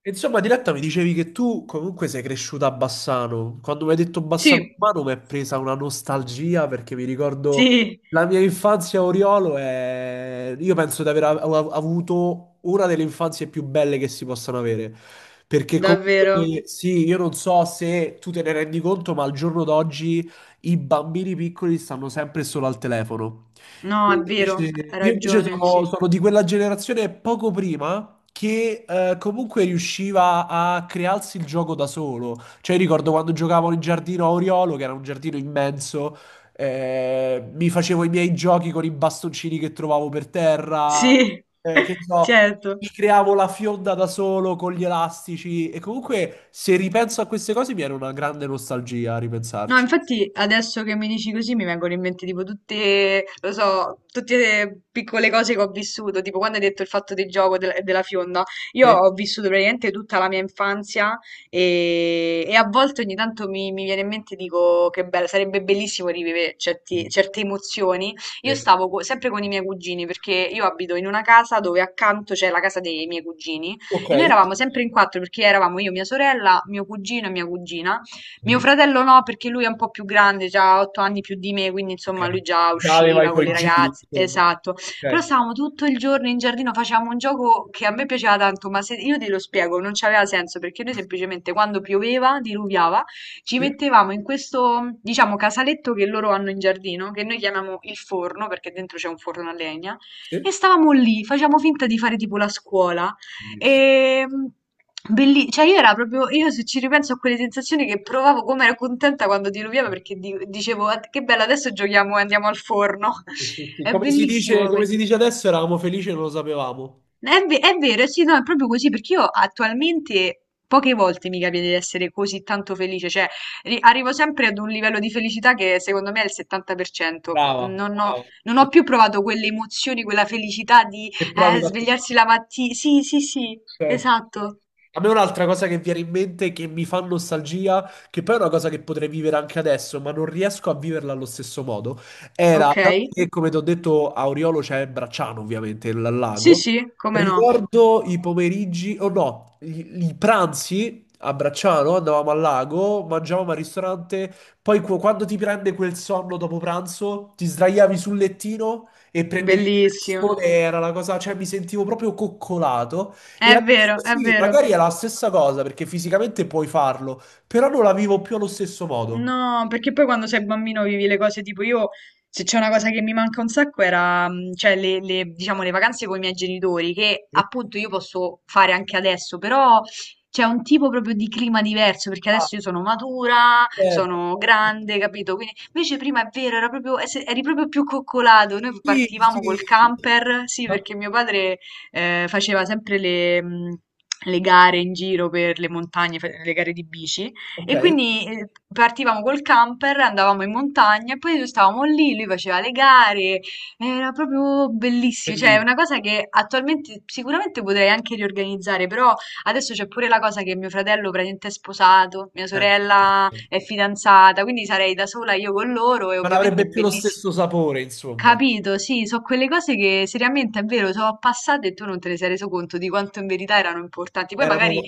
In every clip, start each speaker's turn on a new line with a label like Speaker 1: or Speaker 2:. Speaker 1: Insomma, Diletta, mi dicevi che tu comunque sei cresciuta a Bassano. Quando mi hai detto
Speaker 2: Sì,
Speaker 1: Bassano Romano mi è presa una nostalgia perché mi ricordo
Speaker 2: sì,
Speaker 1: la mia infanzia a Oriolo e io penso di aver avuto una delle infanzie più belle che si possano avere. Perché
Speaker 2: davvero.
Speaker 1: comunque sì, io non so se tu te ne rendi conto, ma al giorno d'oggi i bambini piccoli stanno sempre solo al telefono.
Speaker 2: No, è
Speaker 1: Io
Speaker 2: vero,
Speaker 1: invece,
Speaker 2: hai
Speaker 1: io invece
Speaker 2: ragione, sì.
Speaker 1: sono di quella generazione poco prima che comunque riusciva a crearsi il gioco da solo. Cioè, ricordo quando giocavo in giardino a Oriolo, che era un giardino immenso, mi facevo i miei giochi con i bastoncini che trovavo per terra,
Speaker 2: Sì,
Speaker 1: che ne so, mi
Speaker 2: certo.
Speaker 1: creavo la fionda da solo con gli elastici. E comunque, se ripenso a queste cose, mi viene una grande nostalgia a
Speaker 2: No,
Speaker 1: ripensarci.
Speaker 2: infatti adesso che mi dici così mi vengono in mente tipo tutte, lo so, tutte le piccole cose che ho vissuto, tipo quando hai detto il fatto del gioco della fionda, io
Speaker 1: Sì.
Speaker 2: ho vissuto praticamente tutta la mia infanzia e a volte ogni tanto mi viene in mente e dico che bello, sarebbe bellissimo rivivere certe emozioni. Io
Speaker 1: Sì.
Speaker 2: stavo sempre con i miei cugini perché io abito in una casa dove accanto c'è la casa dei miei cugini
Speaker 1: Ok.
Speaker 2: e noi eravamo sempre in quattro perché eravamo io, mia sorella, mio cugino e mia cugina. Mio fratello no, perché lui è un po' più grande, già ha otto anni più di me, quindi
Speaker 1: Ok.
Speaker 2: insomma lui già
Speaker 1: Già aveva i
Speaker 2: usciva con
Speaker 1: tuoi
Speaker 2: le
Speaker 1: giri,
Speaker 2: ragazze,
Speaker 1: insomma.
Speaker 2: esatto. Però
Speaker 1: Ok.
Speaker 2: stavamo tutto il giorno in giardino, facevamo un gioco che a me piaceva tanto, ma se io te lo spiego, non c'aveva senso, perché noi semplicemente quando pioveva, diluviava, ci
Speaker 1: Sì,
Speaker 2: mettevamo in questo, diciamo, casaletto che loro hanno in giardino, che noi chiamiamo il forno, perché dentro c'è un forno a legna, e
Speaker 1: sì.
Speaker 2: stavamo lì, facevamo finta di fare tipo la scuola.
Speaker 1: Bellissimo.
Speaker 2: E, mh, cioè io era proprio, io se ci ripenso a quelle sensazioni che provavo, come ero contenta quando diluviava perché dicevo: "Ah, che bello, adesso giochiamo e andiamo al forno."
Speaker 1: Sì, sì, sì.
Speaker 2: È bellissimo
Speaker 1: Come
Speaker 2: questo.
Speaker 1: si dice adesso, eravamo felici e non lo sapevamo.
Speaker 2: È vero, sì, no, è proprio così perché io attualmente poche volte mi capita di essere così tanto felice, cioè arrivo sempre ad un livello di felicità che secondo me è il 70%.
Speaker 1: Brava, brava.
Speaker 2: Non ho più provato quelle emozioni, quella felicità di
Speaker 1: Che provi da...
Speaker 2: svegliarsi la mattina. Sì, sì, sì,
Speaker 1: Certo, certo.
Speaker 2: esatto.
Speaker 1: A me un'altra cosa che viene in mente che mi fa nostalgia, che poi è una cosa che potrei vivere anche adesso, ma non riesco a viverla allo stesso modo, era,
Speaker 2: Ok?
Speaker 1: dato che come ti ho detto a Oriolo c'è Bracciano ovviamente, il
Speaker 2: Sì,
Speaker 1: lago,
Speaker 2: sì, come no.
Speaker 1: ricordo i pomeriggi, o no, i pranzi a Bracciano, andavamo al lago, mangiavamo al ristorante, poi quando ti prende quel sonno dopo pranzo, ti sdraiavi sul lettino e prendevi il
Speaker 2: Bellissimo.
Speaker 1: sole, era la cosa, cioè mi sentivo proprio coccolato. E
Speaker 2: È
Speaker 1: adesso
Speaker 2: vero, è
Speaker 1: sì,
Speaker 2: vero.
Speaker 1: magari è la stessa cosa perché fisicamente puoi farlo, però non la vivo più allo stesso modo.
Speaker 2: No, perché poi quando sei bambino vivi le cose tipo io, se c'è una cosa che mi manca un sacco era, diciamo, le vacanze con i miei genitori, che appunto io posso fare anche adesso, però c'è un tipo proprio di clima diverso, perché
Speaker 1: Ah,
Speaker 2: adesso io sono matura,
Speaker 1: certo.
Speaker 2: sono grande, capito? Quindi invece prima è vero, era proprio, eri proprio più coccolato, noi
Speaker 1: Sì,
Speaker 2: partivamo col
Speaker 1: sì.
Speaker 2: camper, sì,
Speaker 1: Ah,
Speaker 2: perché mio padre faceva sempre le... le gare in giro per le montagne, le gare di bici,
Speaker 1: ok,
Speaker 2: e quindi partivamo col camper, andavamo in montagna e poi noi stavamo lì, lui faceva le gare, era proprio bellissimo, cioè è
Speaker 1: bellissimo.
Speaker 2: una cosa che attualmente sicuramente potrei anche riorganizzare, però adesso c'è pure la cosa che mio fratello praticamente è sposato, mia
Speaker 1: Certo.
Speaker 2: sorella è fidanzata, quindi sarei da sola io con loro e
Speaker 1: Non
Speaker 2: ovviamente
Speaker 1: avrebbe
Speaker 2: è
Speaker 1: più lo
Speaker 2: bellissimo.
Speaker 1: stesso sapore, insomma.
Speaker 2: Capito, sì, sono quelle cose che seriamente è vero, sono passate e tu non te ne sei reso conto di quanto in verità erano importanti. Poi
Speaker 1: Erano
Speaker 2: magari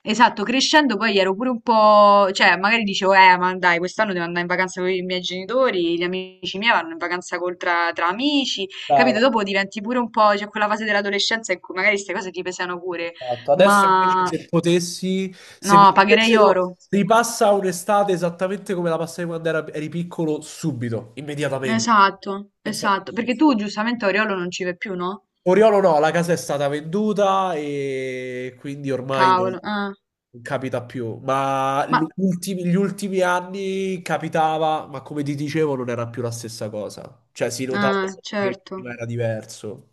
Speaker 2: esatto, crescendo poi ero pure un po', cioè magari dicevo, ma dai, quest'anno devo andare in vacanza con i miei genitori, gli amici miei vanno in vacanza tra amici, capito?
Speaker 1: brava,
Speaker 2: Dopo diventi pure un po', c'è quella fase dell'adolescenza in cui magari queste cose ti pesano pure,
Speaker 1: esatto. Adesso invece
Speaker 2: ma
Speaker 1: se potessi, se
Speaker 2: no,
Speaker 1: mi
Speaker 2: pagherei
Speaker 1: dicessero
Speaker 2: oro.
Speaker 1: ripassa un'estate esattamente come la passai quando eri piccolo, subito, immediatamente.
Speaker 2: Esatto,
Speaker 1: Senza
Speaker 2: esatto,
Speaker 1: pensare.
Speaker 2: perché tu giustamente Oriolo non ci vai più, no?
Speaker 1: Oriolo no, la casa è stata venduta e quindi ormai
Speaker 2: Cavolo, ah,
Speaker 1: non capita più. Ma gli
Speaker 2: ma,
Speaker 1: ultimi, gli ultimi anni capitava, ma come ti dicevo non era più la stessa cosa. Cioè si notava
Speaker 2: ah,
Speaker 1: che prima
Speaker 2: certo.
Speaker 1: era diverso.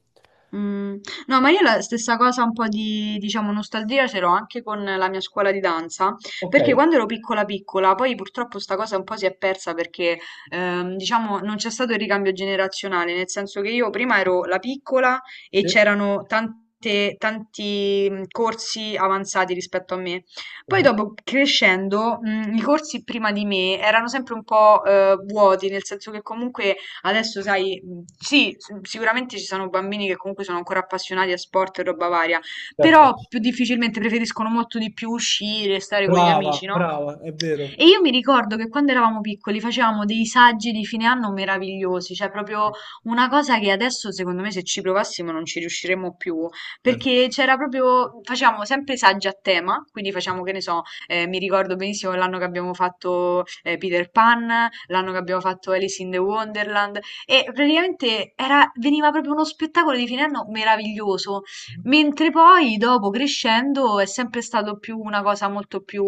Speaker 2: Mm, no, ma io la stessa cosa, un po' di, diciamo, nostalgia ce l'ho anche con la mia scuola di danza,
Speaker 1: Ok,
Speaker 2: perché quando ero piccola piccola, poi purtroppo sta cosa un po' si è persa perché, diciamo, non c'è stato il ricambio generazionale, nel senso che io prima ero la piccola e
Speaker 1: sì.
Speaker 2: c'erano tanti corsi avanzati rispetto a me. Poi
Speaker 1: Mhm,
Speaker 2: dopo crescendo, i corsi prima di me erano sempre un po', vuoti, nel senso che comunque adesso, sai, sì, sicuramente ci sono bambini che comunque sono ancora appassionati a sport e roba varia,
Speaker 1: certo.
Speaker 2: però più difficilmente preferiscono molto di più uscire, stare con gli
Speaker 1: Brava,
Speaker 2: amici, no?
Speaker 1: brava, è
Speaker 2: E
Speaker 1: vero.
Speaker 2: io mi ricordo che quando eravamo piccoli facevamo dei saggi di fine anno meravigliosi, cioè proprio una cosa che adesso secondo me se ci provassimo non ci riusciremmo più,
Speaker 1: Certo.
Speaker 2: perché c'era proprio, facevamo sempre saggi a tema, quindi facciamo che ne so, mi ricordo benissimo l'anno che abbiamo fatto Peter Pan, l'anno che abbiamo fatto Alice in the Wonderland e praticamente era, veniva proprio uno spettacolo di fine anno meraviglioso, mentre poi dopo crescendo è sempre stato più una cosa molto più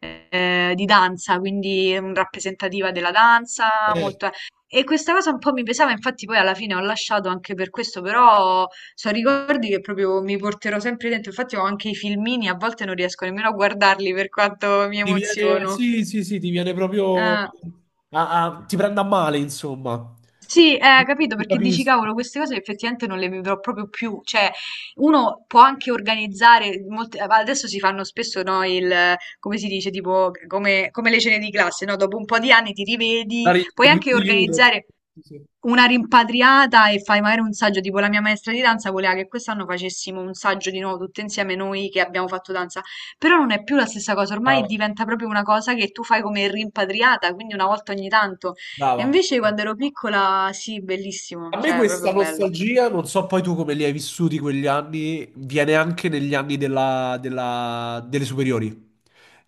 Speaker 2: di danza, quindi rappresentativa della danza,
Speaker 1: Eh,
Speaker 2: molto... E questa cosa un po' mi pesava, infatti poi alla fine ho lasciato anche per questo, però sono ricordi che proprio mi porterò sempre dentro, infatti ho anche i filmini, a volte non riesco nemmeno a guardarli per quanto mi
Speaker 1: ti viene,
Speaker 2: emoziono.
Speaker 1: sì, sì, sì, ti viene proprio...
Speaker 2: Eh.
Speaker 1: ti prende a male, insomma.
Speaker 2: Sì, capito,
Speaker 1: Non
Speaker 2: perché dici,
Speaker 1: capisco.
Speaker 2: cavolo, queste cose effettivamente non le vivrò proprio più. Cioè, uno può anche organizzare, adesso si fanno spesso, no, come si dice, come le cene di classe, no? Dopo un po' di anni ti
Speaker 1: La
Speaker 2: rivedi,
Speaker 1: ri-
Speaker 2: puoi anche
Speaker 1: di Europe.
Speaker 2: organizzare
Speaker 1: Sì, sì.
Speaker 2: una rimpatriata e fai magari un saggio, tipo la mia maestra di danza voleva che quest'anno facessimo un saggio di nuovo tutte insieme noi che abbiamo fatto danza, però non è più la stessa cosa, ormai
Speaker 1: Brava,
Speaker 2: diventa proprio una cosa che tu fai come rimpatriata, quindi una volta ogni tanto. E
Speaker 1: brava.
Speaker 2: invece quando ero piccola, sì, bellissimo,
Speaker 1: A me
Speaker 2: cioè
Speaker 1: questa
Speaker 2: proprio bello.
Speaker 1: nostalgia, non so poi tu come li hai vissuti quegli anni, viene anche negli anni delle superiori.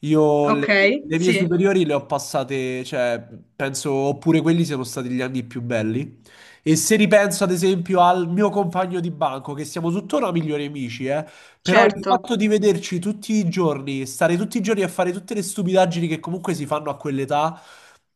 Speaker 1: Io
Speaker 2: Ok,
Speaker 1: le, le mie
Speaker 2: sì,
Speaker 1: superiori le ho passate, cioè, penso, oppure quelli siano stati gli anni più belli. E se ripenso ad esempio al mio compagno di banco, che siamo tuttora migliori amici, però il
Speaker 2: certo,
Speaker 1: fatto di vederci tutti i giorni, stare tutti i giorni a fare tutte le stupidaggini che comunque si fanno a quell'età,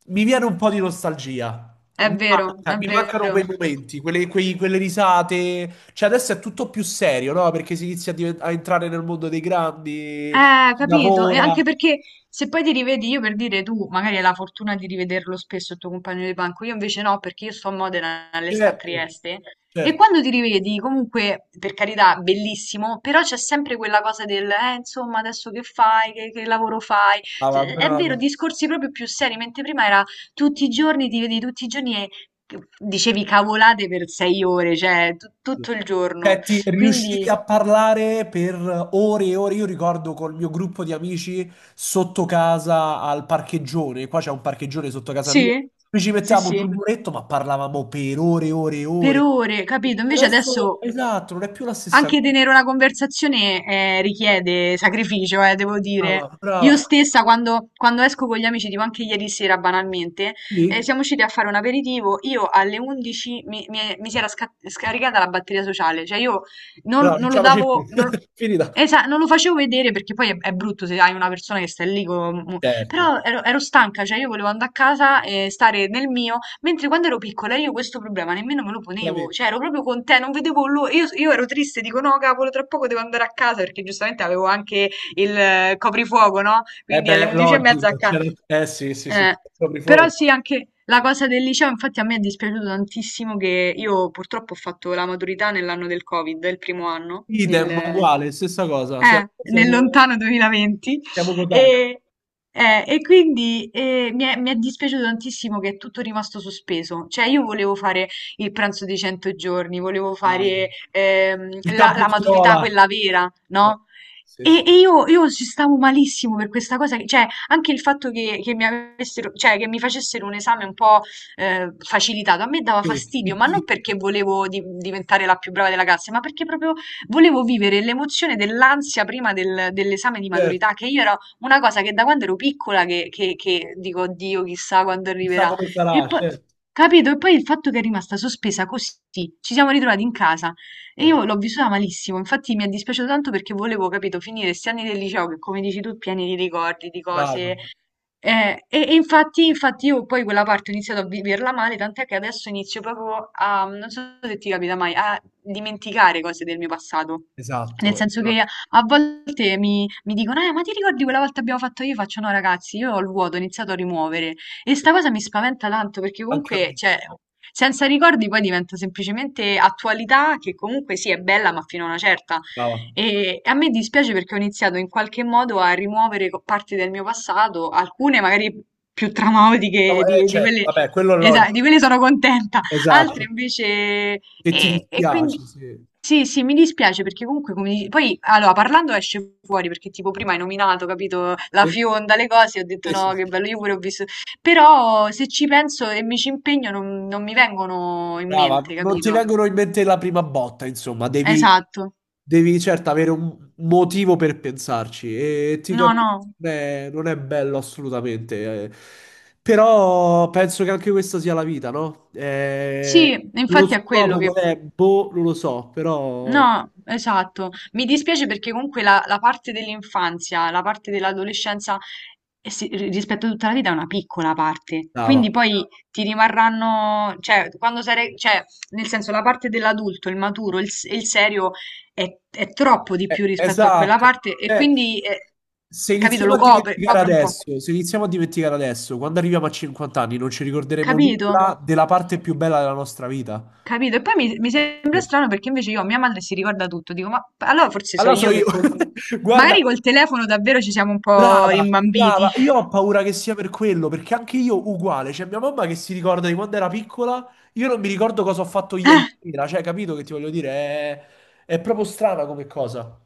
Speaker 1: mi viene un po' di nostalgia
Speaker 2: è vero, è
Speaker 1: mi mancano quei
Speaker 2: vero.
Speaker 1: momenti, quelle, quelle risate. Cioè, adesso è tutto più serio, no? Perché si inizia a, a entrare nel mondo dei grandi, si
Speaker 2: Capito? E
Speaker 1: lavora.
Speaker 2: anche perché se poi ti rivedi, io per dire tu, magari hai la fortuna di rivederlo spesso il tuo compagno di banco, io invece no, perché io sto a Modena e lei sta a
Speaker 1: Certo,
Speaker 2: Trieste. E
Speaker 1: certo.
Speaker 2: quando ti rivedi, comunque, per carità, bellissimo, però c'è sempre quella cosa del, insomma, adesso che fai, che lavoro fai?
Speaker 1: Brava,
Speaker 2: Cioè, è vero,
Speaker 1: brava.
Speaker 2: discorsi proprio più seri, mentre prima era tutti i giorni, ti vedi tutti i giorni e dicevi cavolate per sei ore, cioè
Speaker 1: Sì.
Speaker 2: tutto il giorno.
Speaker 1: Cioè, ti riuscivi
Speaker 2: Quindi,
Speaker 1: a parlare per ore e ore. Io ricordo col mio gruppo di amici sotto casa al parcheggione. Qua c'è un parcheggione sotto casa mia.
Speaker 2: sì,
Speaker 1: Noi ci
Speaker 2: sì,
Speaker 1: mettevamo sul
Speaker 2: sì.
Speaker 1: muretto, ma parlavamo per ore e ore e
Speaker 2: Per
Speaker 1: ore.
Speaker 2: ore, capito? Invece
Speaker 1: Adesso,
Speaker 2: adesso
Speaker 1: esatto, non è più la stessa
Speaker 2: anche
Speaker 1: cosa.
Speaker 2: tenere una conversazione richiede sacrificio, devo dire.
Speaker 1: Brava,
Speaker 2: Io
Speaker 1: brava.
Speaker 2: stessa, quando esco con gli amici, tipo anche ieri sera banalmente,
Speaker 1: Sì,
Speaker 2: siamo usciti a fare un aperitivo, io alle 11 mi si era scaricata la batteria sociale, cioè io
Speaker 1: brava, non
Speaker 2: non
Speaker 1: ce
Speaker 2: lo
Speaker 1: la facevi più.
Speaker 2: davo... Non, lo-
Speaker 1: Finita.
Speaker 2: Non lo facevo vedere perché poi è brutto se hai una persona che sta lì con...
Speaker 1: Certo.
Speaker 2: Però ero stanca, cioè io volevo andare a casa e stare nel mio. Mentre quando ero piccola io questo problema nemmeno me lo
Speaker 1: Ce l'avevi.
Speaker 2: ponevo, cioè ero proprio con te, non vedevo l'ora, io ero triste, dico no cavolo, tra poco devo andare a casa perché giustamente avevo anche il coprifuoco, no?
Speaker 1: Eh
Speaker 2: Quindi alle
Speaker 1: beh,
Speaker 2: 11 e mezza a
Speaker 1: logico.
Speaker 2: casa.
Speaker 1: Eh sì, sì, sì,
Speaker 2: Eh,
Speaker 1: proprio
Speaker 2: però
Speaker 1: fuoco.
Speaker 2: sì, anche la cosa del liceo, infatti a me è dispiaciuto tantissimo che io purtroppo ho fatto la maturità nell'anno del Covid, il primo anno,
Speaker 1: Idem, ma uguale, stessa cosa.
Speaker 2: eh, nel lontano 2020
Speaker 1: Siamo coetanei.
Speaker 2: e, e quindi mi è dispiaciuto tantissimo che è tutto rimasto sospeso. Cioè, io volevo fare il pranzo dei 100 giorni, volevo
Speaker 1: Ah,
Speaker 2: fare
Speaker 1: il campo
Speaker 2: la maturità
Speaker 1: scuola.
Speaker 2: quella vera,
Speaker 1: Esatto.
Speaker 2: no?
Speaker 1: Sì,
Speaker 2: E,
Speaker 1: sì.
Speaker 2: e io ci stavo malissimo per questa cosa, cioè anche il fatto che mi avessero, cioè, che mi facessero un esame un po' facilitato, a me dava
Speaker 1: Sì,
Speaker 2: fastidio, ma non
Speaker 1: PT.
Speaker 2: perché volevo diventare la più brava della classe, ma perché proprio volevo vivere l'emozione dell'ansia prima dell'esame di
Speaker 1: Certo.
Speaker 2: maturità, che io era una cosa che da quando ero piccola che dico, oddio, chissà quando
Speaker 1: Chissà
Speaker 2: arriverà.
Speaker 1: come
Speaker 2: E
Speaker 1: sarà,
Speaker 2: poi,
Speaker 1: certo.
Speaker 2: capito? E poi il fatto che è rimasta sospesa così, ci siamo ritrovati in casa e
Speaker 1: Eh,
Speaker 2: io l'ho vissuta malissimo, infatti mi è dispiaciuto tanto perché volevo, capito, finire questi anni del liceo che, come dici tu, pieni di ricordi, di
Speaker 1: brava.
Speaker 2: cose, e infatti, infatti io poi quella parte ho iniziato a viverla male, tant'è che adesso inizio proprio a, non so se ti capita mai, a dimenticare cose del mio passato. Nel
Speaker 1: Esatto,
Speaker 2: senso che
Speaker 1: esatto.
Speaker 2: a volte mi dicono, ma ti ricordi quella volta abbiamo fatto io? Faccio no, ragazzi, io ho il vuoto, ho iniziato a rimuovere. E sta cosa mi spaventa tanto perché
Speaker 1: Anche a
Speaker 2: comunque,
Speaker 1: me.
Speaker 2: cioè, senza ricordi poi diventa semplicemente attualità che comunque sì è bella, ma fino a una certa.
Speaker 1: Brava.
Speaker 2: E a me dispiace perché ho iniziato in qualche modo a rimuovere parti del mio passato, alcune magari più
Speaker 1: No,
Speaker 2: traumatiche di
Speaker 1: certo,
Speaker 2: quelle,
Speaker 1: vabbè, quello è
Speaker 2: di
Speaker 1: logico.
Speaker 2: quelle sono contenta, altre
Speaker 1: Esatto.
Speaker 2: invece...
Speaker 1: Che ti
Speaker 2: E quindi
Speaker 1: dispiace, sì.
Speaker 2: sì, sì, mi dispiace perché comunque come poi allora parlando esce fuori perché tipo prima hai nominato, capito, la
Speaker 1: Sì,
Speaker 2: fionda, le cose, ho detto
Speaker 1: sì, sì,
Speaker 2: no, che
Speaker 1: sì.
Speaker 2: bello, io pure ho visto, però se ci penso e mi ci impegno non mi vengono in
Speaker 1: Brava,
Speaker 2: mente,
Speaker 1: non ti
Speaker 2: capito?
Speaker 1: vengono in mente la prima botta, insomma, devi,
Speaker 2: Esatto.
Speaker 1: devi certo avere un motivo per pensarci e ti
Speaker 2: No,
Speaker 1: capisco,
Speaker 2: no.
Speaker 1: non è, non è bello assolutamente, eh. Però penso che anche questa sia la vita, no?
Speaker 2: Sì,
Speaker 1: Lo
Speaker 2: infatti è quello
Speaker 1: scopo qual
Speaker 2: che...
Speaker 1: è? Boh, non lo so, però
Speaker 2: No, esatto. Mi dispiace perché comunque la parte dell'infanzia, la parte dell'adolescenza, eh sì, rispetto a tutta la vita è una piccola parte.
Speaker 1: brava.
Speaker 2: Quindi poi ti rimarranno, cioè, quando sarai, cioè, nel senso, la parte dell'adulto, il maturo, il serio è troppo di più rispetto a quella
Speaker 1: Esatto.
Speaker 2: parte e
Speaker 1: Cioè,
Speaker 2: quindi,
Speaker 1: se
Speaker 2: capito,
Speaker 1: iniziamo
Speaker 2: lo
Speaker 1: a
Speaker 2: copre,
Speaker 1: dimenticare
Speaker 2: copre un po'.
Speaker 1: adesso, se iniziamo a dimenticare adesso, quando arriviamo a 50 anni non ci ricorderemo
Speaker 2: Capito?
Speaker 1: nulla della parte più bella della nostra vita.
Speaker 2: Capito? E poi mi sembra
Speaker 1: Sì.
Speaker 2: strano perché invece io, mia madre si ricorda tutto, dico, ma allora forse so
Speaker 1: Allora so
Speaker 2: io che
Speaker 1: io.
Speaker 2: col...
Speaker 1: Guarda,
Speaker 2: magari col telefono davvero ci siamo un po'
Speaker 1: brava,
Speaker 2: rimbambiti.
Speaker 1: brava. Io ho paura che sia per quello, perché anche io uguale. Cioè, mia mamma che si ricorda di quando era piccola, io non mi ricordo cosa ho fatto ieri sera. Cioè, capito che ti voglio dire? È proprio strana come cosa.